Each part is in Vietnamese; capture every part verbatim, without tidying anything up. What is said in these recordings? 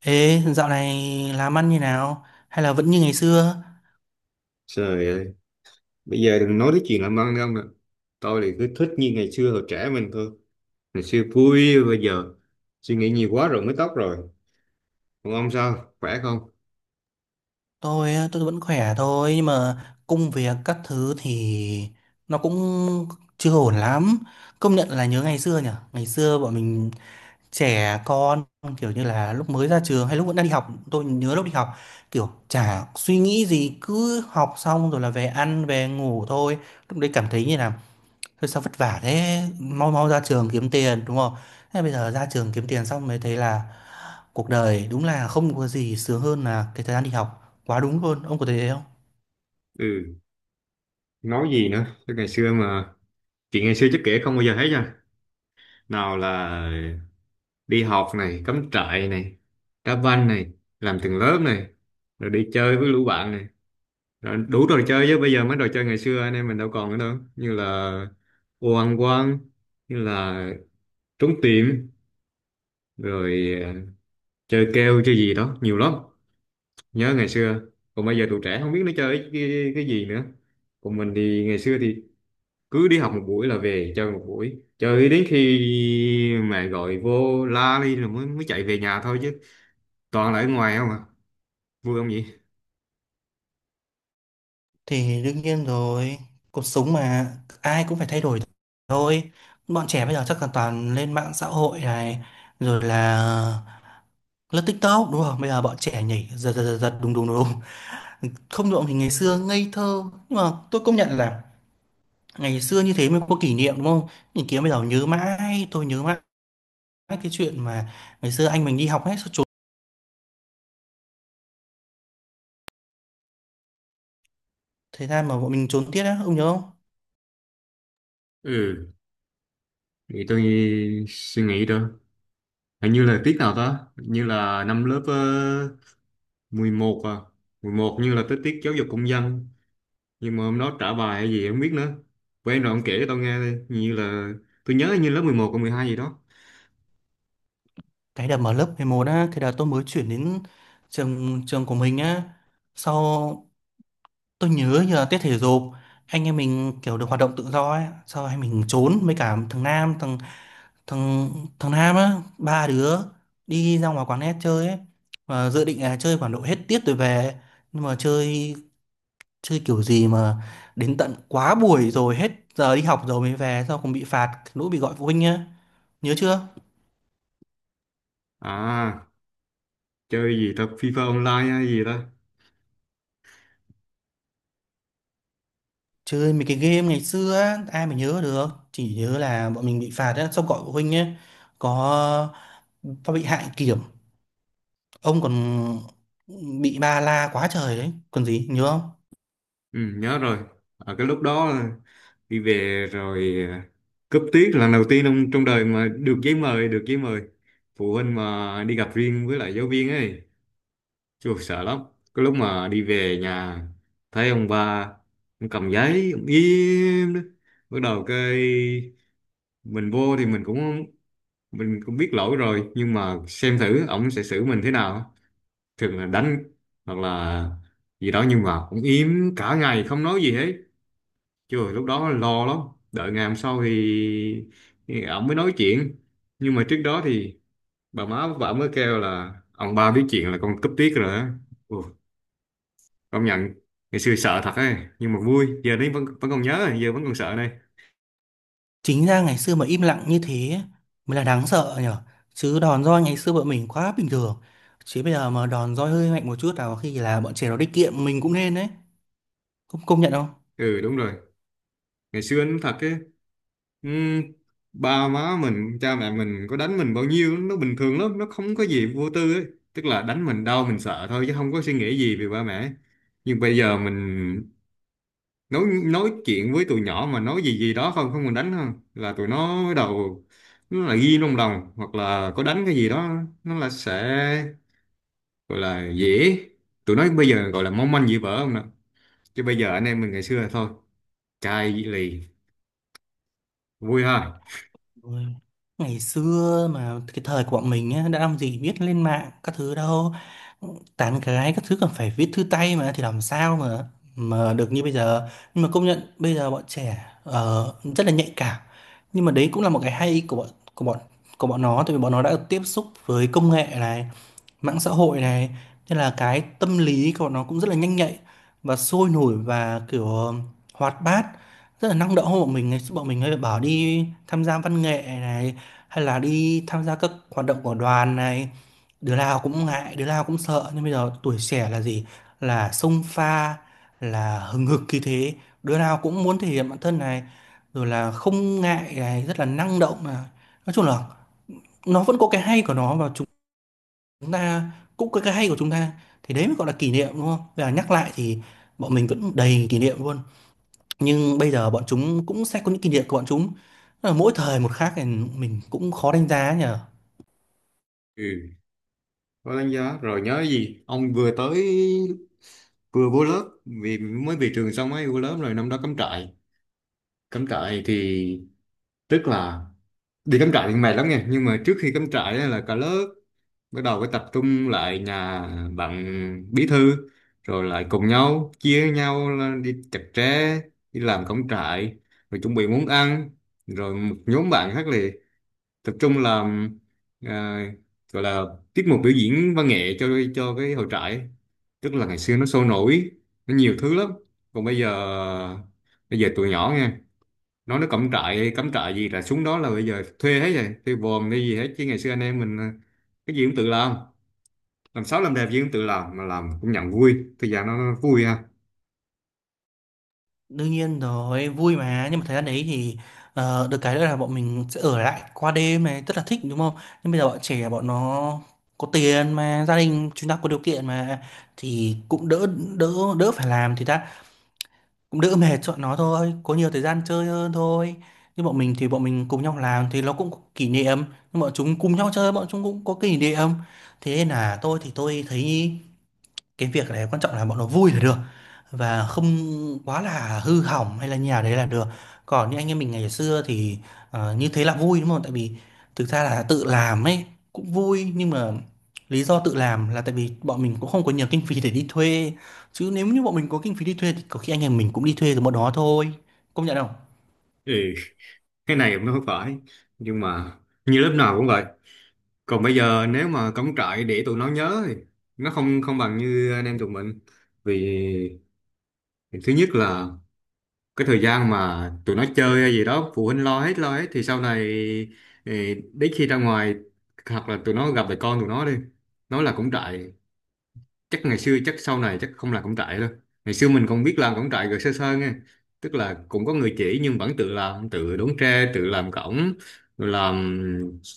Ê, dạo này làm ăn như nào? Hay là vẫn như ngày xưa? Trời ơi, bây giờ đừng nói đến chuyện làm ăn không nè. Tôi thì cứ thích như ngày xưa hồi trẻ mình thôi. Ngày xưa vui, bây giờ suy nghĩ nhiều quá rồi mới tóc rồi. Còn ông sao? Khỏe không? Tôi tôi vẫn khỏe thôi nhưng mà công việc các thứ thì nó cũng chưa ổn lắm. Công nhận là nhớ ngày xưa nhỉ? Ngày xưa bọn mình trẻ con, kiểu như là lúc mới ra trường hay lúc vẫn đang đi học. Tôi nhớ lúc đi học kiểu chả suy nghĩ gì, cứ học xong rồi là về ăn về ngủ thôi. Lúc đấy cảm thấy như là thôi sao vất vả thế, mau mau ra trường kiếm tiền đúng không. Thế bây giờ ra trường kiếm tiền xong mới thấy là cuộc đời đúng là không có gì sướng hơn là cái thời gian đi học. Quá đúng luôn, ông có thấy thế không? Ừ, nói gì nữa? Chứ ngày xưa mà Chuyện ngày xưa chắc kể không bao giờ hết nha. Nào là đi học này, cắm trại này, đá banh này, làm từng lớp này, rồi đi chơi với lũ bạn này. Rồi đủ trò chơi, chứ bây giờ mấy trò chơi ngày xưa anh em mình đâu còn nữa đâu. Như là ô ăn quan, như là trốn tìm rồi à, chơi keo chơi gì đó nhiều lắm, nhớ ngày xưa. Còn bây giờ tụi trẻ không biết nó chơi cái, cái gì nữa. Còn mình thì ngày xưa thì cứ đi học một buổi là về chơi một buổi, chơi đến khi mẹ gọi vô la đi rồi mới mới chạy về nhà thôi, chứ toàn là ở ngoài không à. Vui không vậy? Thì đương nhiên rồi, cuộc sống mà, ai cũng phải thay đổi thôi. Bọn trẻ bây giờ chắc là toàn lên mạng xã hội này, rồi là lướt TikTok đúng không. Bây giờ bọn trẻ nhảy giật giật giật giật, đúng đúng đúng không được. Thì ngày xưa ngây thơ nhưng mà tôi công nhận là ngày xưa như thế mới có kỷ niệm, đúng không? Nhìn kia bây giờ nhớ mãi, tôi nhớ mãi cái chuyện mà ngày xưa anh mình đi học hết, sao trốn thời gian mà bọn mình trốn tiết á, ông nhớ không? Ừ, thì tôi nghĩ- suy nghĩ đó, hình như là tiết nào đó. Hình như là năm lớp uh, mười một à, mười một, như là tới tiết giáo dục công dân, nhưng mà hôm đó trả bài hay gì em không biết nữa. Quen rồi, ông kể cho tao nghe đi. Như là tôi nhớ như lớp mười một còn mười hai gì đó. Cái đợt mà lớp mười một á, cái đợt tôi mới chuyển đến trường trường của mình á, sau tôi nhớ như là tiết thể dục, anh em mình kiểu được hoạt động tự do ấy. Sau anh mình trốn với cả thằng Nam, thằng thằng thằng Nam á, ba đứa đi ra ngoài quán net chơi ấy. Và dự định là chơi khoảng độ hết tiết rồi về, nhưng mà chơi chơi kiểu gì mà đến tận quá buổi, rồi hết giờ đi học rồi mới về. Sao còn bị phạt lỗi, bị gọi phụ huynh nhá. Nhớ chưa? À, chơi gì ta, FIFA online hay gì ta? Chơi mấy cái game ngày xưa á, ai mà nhớ được. Chỉ nhớ là bọn mình bị phạt á, xong gọi phụ huynh nhé. Có có bị hại kiểm, ông còn bị ba la quá trời đấy. Còn gì, nhớ không? Ừ, nhớ rồi. Ở cái lúc đó đi về rồi à, cúp tiết là lần đầu tiên trong trong đời mà được giấy mời, được giấy mời phụ huynh mà đi gặp riêng với lại giáo viên ấy. Chù, sợ lắm. Cái lúc mà đi về nhà thấy ông ba, ông cầm giấy ông im đó. Bắt đầu cái mình vô thì mình cũng mình cũng biết lỗi rồi, nhưng mà xem thử ổng sẽ xử mình thế nào. Thường là đánh hoặc là gì đó, nhưng mà ổng im cả ngày không nói gì hết. Trời, lúc đó lo lắm. Đợi ngày hôm sau thì, thì ổng mới nói chuyện. Nhưng mà trước đó thì bà má bà mới kêu là ông ba biết chuyện là con cúp tiết rồi á. Ồ, công nhận ngày xưa sợ thật ấy, nhưng mà vui. Giờ đấy vẫn vẫn còn nhớ, giờ vẫn còn sợ này. Chính ra ngày xưa mà im lặng như thế mới là đáng sợ nhở. Chứ đòn roi ngày xưa bọn mình quá bình thường. Chứ bây giờ mà đòn roi hơi mạnh một chút nào khi là bọn trẻ nó đi kiệm mình cũng nên đấy. Công công nhận không? Ừ, đúng rồi, ngày xưa anh thật ấy. Ừ, ba má mình cha mẹ mình có đánh mình bao nhiêu nó bình thường lắm, nó không có gì, vô tư ấy. Tức là đánh mình đau mình sợ thôi, chứ không có suy nghĩ gì về ba mẹ. Nhưng bây giờ mình nói nói chuyện với tụi nhỏ mà nói gì gì đó không không, mình đánh không là tụi nó bắt đầu, nó là ghi trong lòng. Hoặc là có đánh cái gì đó nó là sẽ gọi là dễ, tụi nó bây giờ gọi là mong manh dễ vỡ không nè. Chứ bây giờ anh em mình ngày xưa là thôi, chai lì. Vui ha. Ôi, ngày xưa mà cái thời của bọn mình á, đã làm gì biết lên mạng các thứ đâu. Tán gái các thứ còn phải viết thư tay mà, thì làm sao mà mà được như bây giờ. Nhưng mà công nhận bây giờ bọn trẻ ờ, rất là nhạy cảm. Nhưng mà đấy cũng là một cái hay của bọn của bọn của bọn nó, tại vì bọn nó đã tiếp xúc với công nghệ này, mạng xã hội này, nên là cái tâm lý của nó cũng rất là nhanh nhạy và sôi nổi và kiểu ờ, hoạt bát, rất là năng động hơn bọn mình. Ngày xưa bọn mình hay bảo đi tham gia văn nghệ này, hay là đi tham gia các hoạt động của đoàn này, đứa nào cũng ngại, đứa nào cũng sợ. Nhưng bây giờ tuổi trẻ là gì? Là xông pha, là hừng hực khí thế, đứa nào cũng muốn thể hiện bản thân này, rồi là không ngại này, rất là năng động này. Nói chung là nó vẫn có cái hay của nó, và chúng chúng ta cũng có cái hay của chúng ta. Thì đấy mới gọi là kỷ niệm, đúng không? Và nhắc lại thì bọn mình vẫn đầy kỷ niệm luôn, nhưng bây giờ bọn chúng cũng sẽ có những kỷ niệm của bọn chúng. Tức là mỗi thời một khác, thì mình cũng khó đánh giá nhở. Ừ, có đánh giá rồi nhớ gì. Ông vừa tới, vừa vô lớp vì mới về trường xong ấy, vô lớp rồi năm đó cắm trại. Cắm trại thì Tức là đi cắm trại thì mệt lắm nha, nhưng mà trước khi cắm trại á là cả lớp bắt đầu phải tập trung lại nhà bạn bí thư, rồi lại cùng nhau chia nhau là đi chặt tre, đi làm cắm trại, rồi chuẩn bị món ăn. Rồi một nhóm bạn khác là tập trung làm, à, gọi là tiết mục biểu diễn văn nghệ cho cho cái hội trại. Tức là ngày xưa nó sôi nổi, nó nhiều thứ lắm. Còn bây giờ, bây giờ tụi nhỏ nghe nói nó cắm trại, cắm trại gì là xuống đó là bây giờ thuê hết rồi, thuê vòm hay gì hết. Chứ ngày xưa anh em mình à, cái gì cũng tự làm. Làm xấu làm đẹp gì cũng tự làm, mà làm cũng nhận vui. Thời gian nó, nó vui ha. Đương nhiên rồi, vui mà. Nhưng mà thời gian đấy thì ờ, được cái nữa là bọn mình sẽ ở lại qua đêm này, rất là thích đúng không. Nhưng bây giờ bọn trẻ, bọn nó có tiền mà, gia đình chúng ta có điều kiện mà, thì cũng đỡ, đỡ đỡ phải làm thì ta, cũng đỡ mệt cho bọn nó thôi, có nhiều thời gian chơi hơn thôi. Nhưng bọn mình thì bọn mình cùng nhau làm thì nó cũng có kỷ niệm, nhưng bọn chúng cùng nhau chơi bọn chúng cũng có kỷ niệm. Thế nên là tôi thì tôi thấy cái việc này quan trọng là bọn nó vui là được, và không quá là hư hỏng hay là nhà đấy là được. Còn như anh em mình ngày xưa thì ờ, như thế là vui, đúng không? Tại vì thực ra là tự làm ấy cũng vui, nhưng mà lý do tự làm là tại vì bọn mình cũng không có nhiều kinh phí để đi thuê. Chứ nếu như bọn mình có kinh phí đi thuê thì có khi anh em mình cũng đi thuê từ bọn đó thôi, công nhận không? Ừ, cái này cũng không phải, nhưng mà như lớp nào cũng vậy. Còn bây giờ nếu mà cắm trại để tụi nó nhớ thì nó không không bằng như anh em tụi mình. Vì thứ nhất là cái thời gian mà tụi nó chơi hay gì đó phụ huynh lo hết, lo hết thì sau này, ừ, đến khi ra ngoài hoặc là tụi nó gặp lại con tụi nó đi, nó là cắm trại, chắc ngày xưa, chắc sau này chắc không làm cổng trại đâu. Ngày xưa mình còn biết làm cổng trại rồi sơ sơ nghe. Tức là cũng có người chỉ nhưng vẫn tự làm, tự đốn tre, tự làm cổng, rồi làm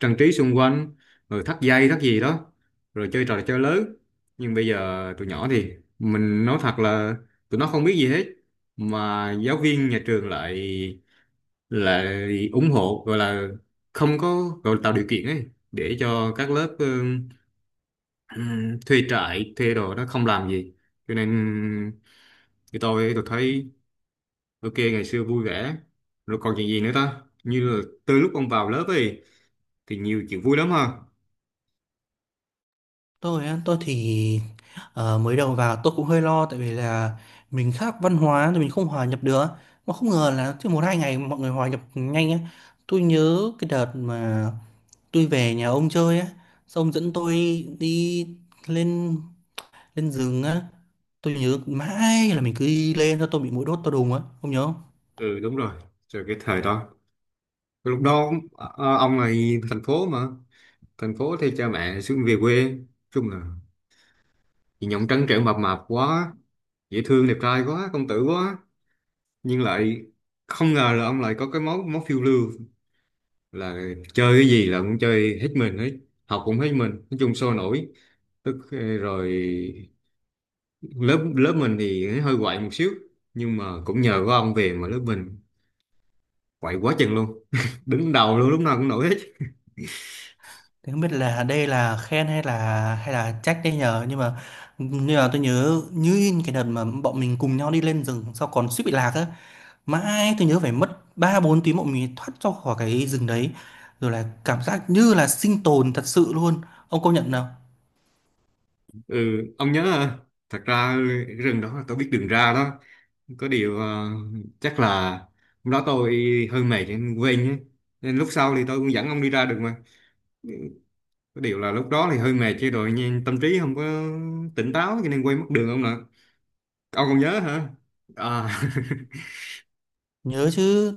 trang trí xung quanh, rồi thắt dây thắt gì đó, rồi chơi trò chơi lớn. Nhưng bây giờ tụi nhỏ thì mình nói thật là tụi nó không biết gì hết, mà giáo viên nhà trường lại lại ủng hộ, gọi là không có, gọi là tạo điều kiện ấy, để cho các lớp ừ, Ừm, thuê trại, thuê đồ, nó không làm gì. Cho nên thì tôi tôi thấy ok ngày xưa vui vẻ. Rồi còn chuyện gì nữa ta, như là từ lúc ông vào lớp ấy thì nhiều chuyện vui lắm ha. Tôi á, tôi thì ờ, mới đầu vào tôi cũng hơi lo, tại vì là mình khác văn hóa thì mình không hòa nhập được. Mà không ngờ là chỉ một hai ngày mọi người hòa nhập nhanh á. Tôi nhớ cái đợt mà tôi về nhà ông chơi á, xong dẫn tôi đi lên lên rừng á. Tôi nhớ mãi là mình cứ đi lên, cho tôi bị muỗi đốt tôi đùng á, ông nhớ không? Ừ, đúng rồi. Rồi cái thời đó, lúc đó, à, à, ông là thành phố mà. Thành phố thì cha mẹ xuống về quê. Nói chung là nhìn ông trắng trẻo mập mạp quá, dễ thương, đẹp trai quá, công tử quá, nhưng lại không ngờ là ông lại có cái máu máu phiêu lưu. Là chơi cái gì là cũng chơi hết mình hết, học cũng hết mình. Nói chung sôi nổi. Tức ờ, rồi lớp lớp mình thì hơi quậy một xíu, nhưng mà cũng nhờ có ông về mà lớp mình quậy quá chừng luôn đứng đầu luôn, lúc nào cũng nổi hết. Thì không biết là đây là khen hay là hay là trách đây nhờ. Nhưng mà nhưng mà tôi nhớ như in cái đợt mà bọn mình cùng nhau đi lên rừng sau còn suýt bị lạc á. Mãi tôi nhớ phải mất ba bốn tiếng bọn mình thoát ra khỏi cái rừng đấy, rồi là cảm giác như là sinh tồn thật sự luôn. Ông công nhận nào. Ừ, ông nhớ à, thật ra cái rừng đó là tôi biết đường ra đó. Có điều à, chắc là hôm đó tôi hơi mệt nên quên nhé. Nên lúc sau thì tôi cũng dẫn ông đi ra được mà. Có điều là lúc đó thì hơi mệt chứ rồi, nhưng tâm trí không có tỉnh táo cho nên quên mất đường ông nè. Ông còn nhớ hả? À, Nhớ chứ.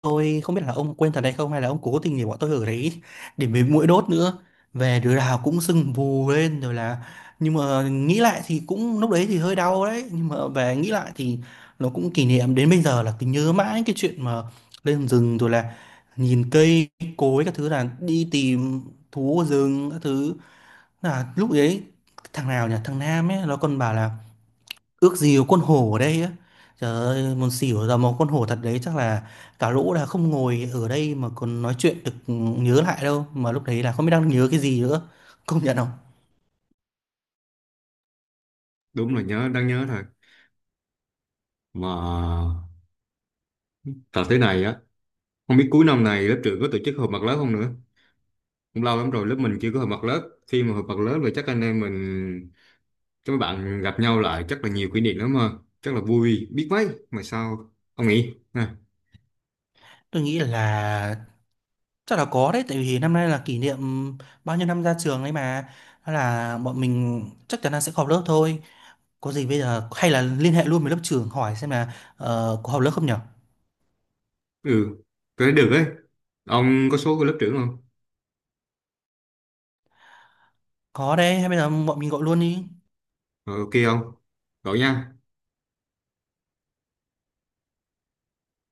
Tôi không biết là ông quên thật hay không, hay là ông cố tình để bọn tôi ở đấy để mấy mũi đốt nữa. Về đứa nào cũng sưng vù lên rồi là, nhưng mà nghĩ lại thì cũng lúc đấy thì hơi đau đấy, nhưng mà về nghĩ lại thì nó cũng kỷ niệm, đến bây giờ là cứ nhớ mãi cái chuyện mà lên rừng rồi là nhìn cây cối các thứ, là đi tìm thú ở rừng các thứ. Là lúc đấy thằng nào nhỉ, thằng Nam ấy, nó còn bảo là ước gì có con hổ ở đây á. Trời ơi, muốn xỉu. Ra một con hổ thật đấy chắc là cả lũ là không ngồi ở đây mà còn nói chuyện được. Ừ, nhớ lại đâu mà lúc đấy là không biết đang nhớ cái gì nữa, công nhận không? đúng là nhớ, đang nhớ thôi. Mà thật thế này á, không biết cuối năm này lớp trưởng có tổ chức họp mặt lớp không nữa. Cũng lâu lắm rồi lớp mình chưa có họp mặt lớp. Khi mà họp mặt lớp rồi chắc anh em mình, các bạn gặp nhau lại chắc là nhiều kỷ niệm lắm mà. Chắc là vui biết mấy. Mà sao, ông nghĩ? À, Tôi nghĩ là chắc là có đấy, tại vì năm nay là kỷ niệm bao nhiêu năm ra trường ấy mà. Đó là bọn mình chắc chắn là sẽ họp lớp thôi. Có gì bây giờ hay là liên hệ luôn với lớp trưởng hỏi xem là ờ, có họp lớp không nhở. ừ, có thể được ấy. Ông có số của lớp trưởng không? Có đấy, hay bây giờ bọn mình gọi luôn đi. Ờ, ok không? Gọi nha.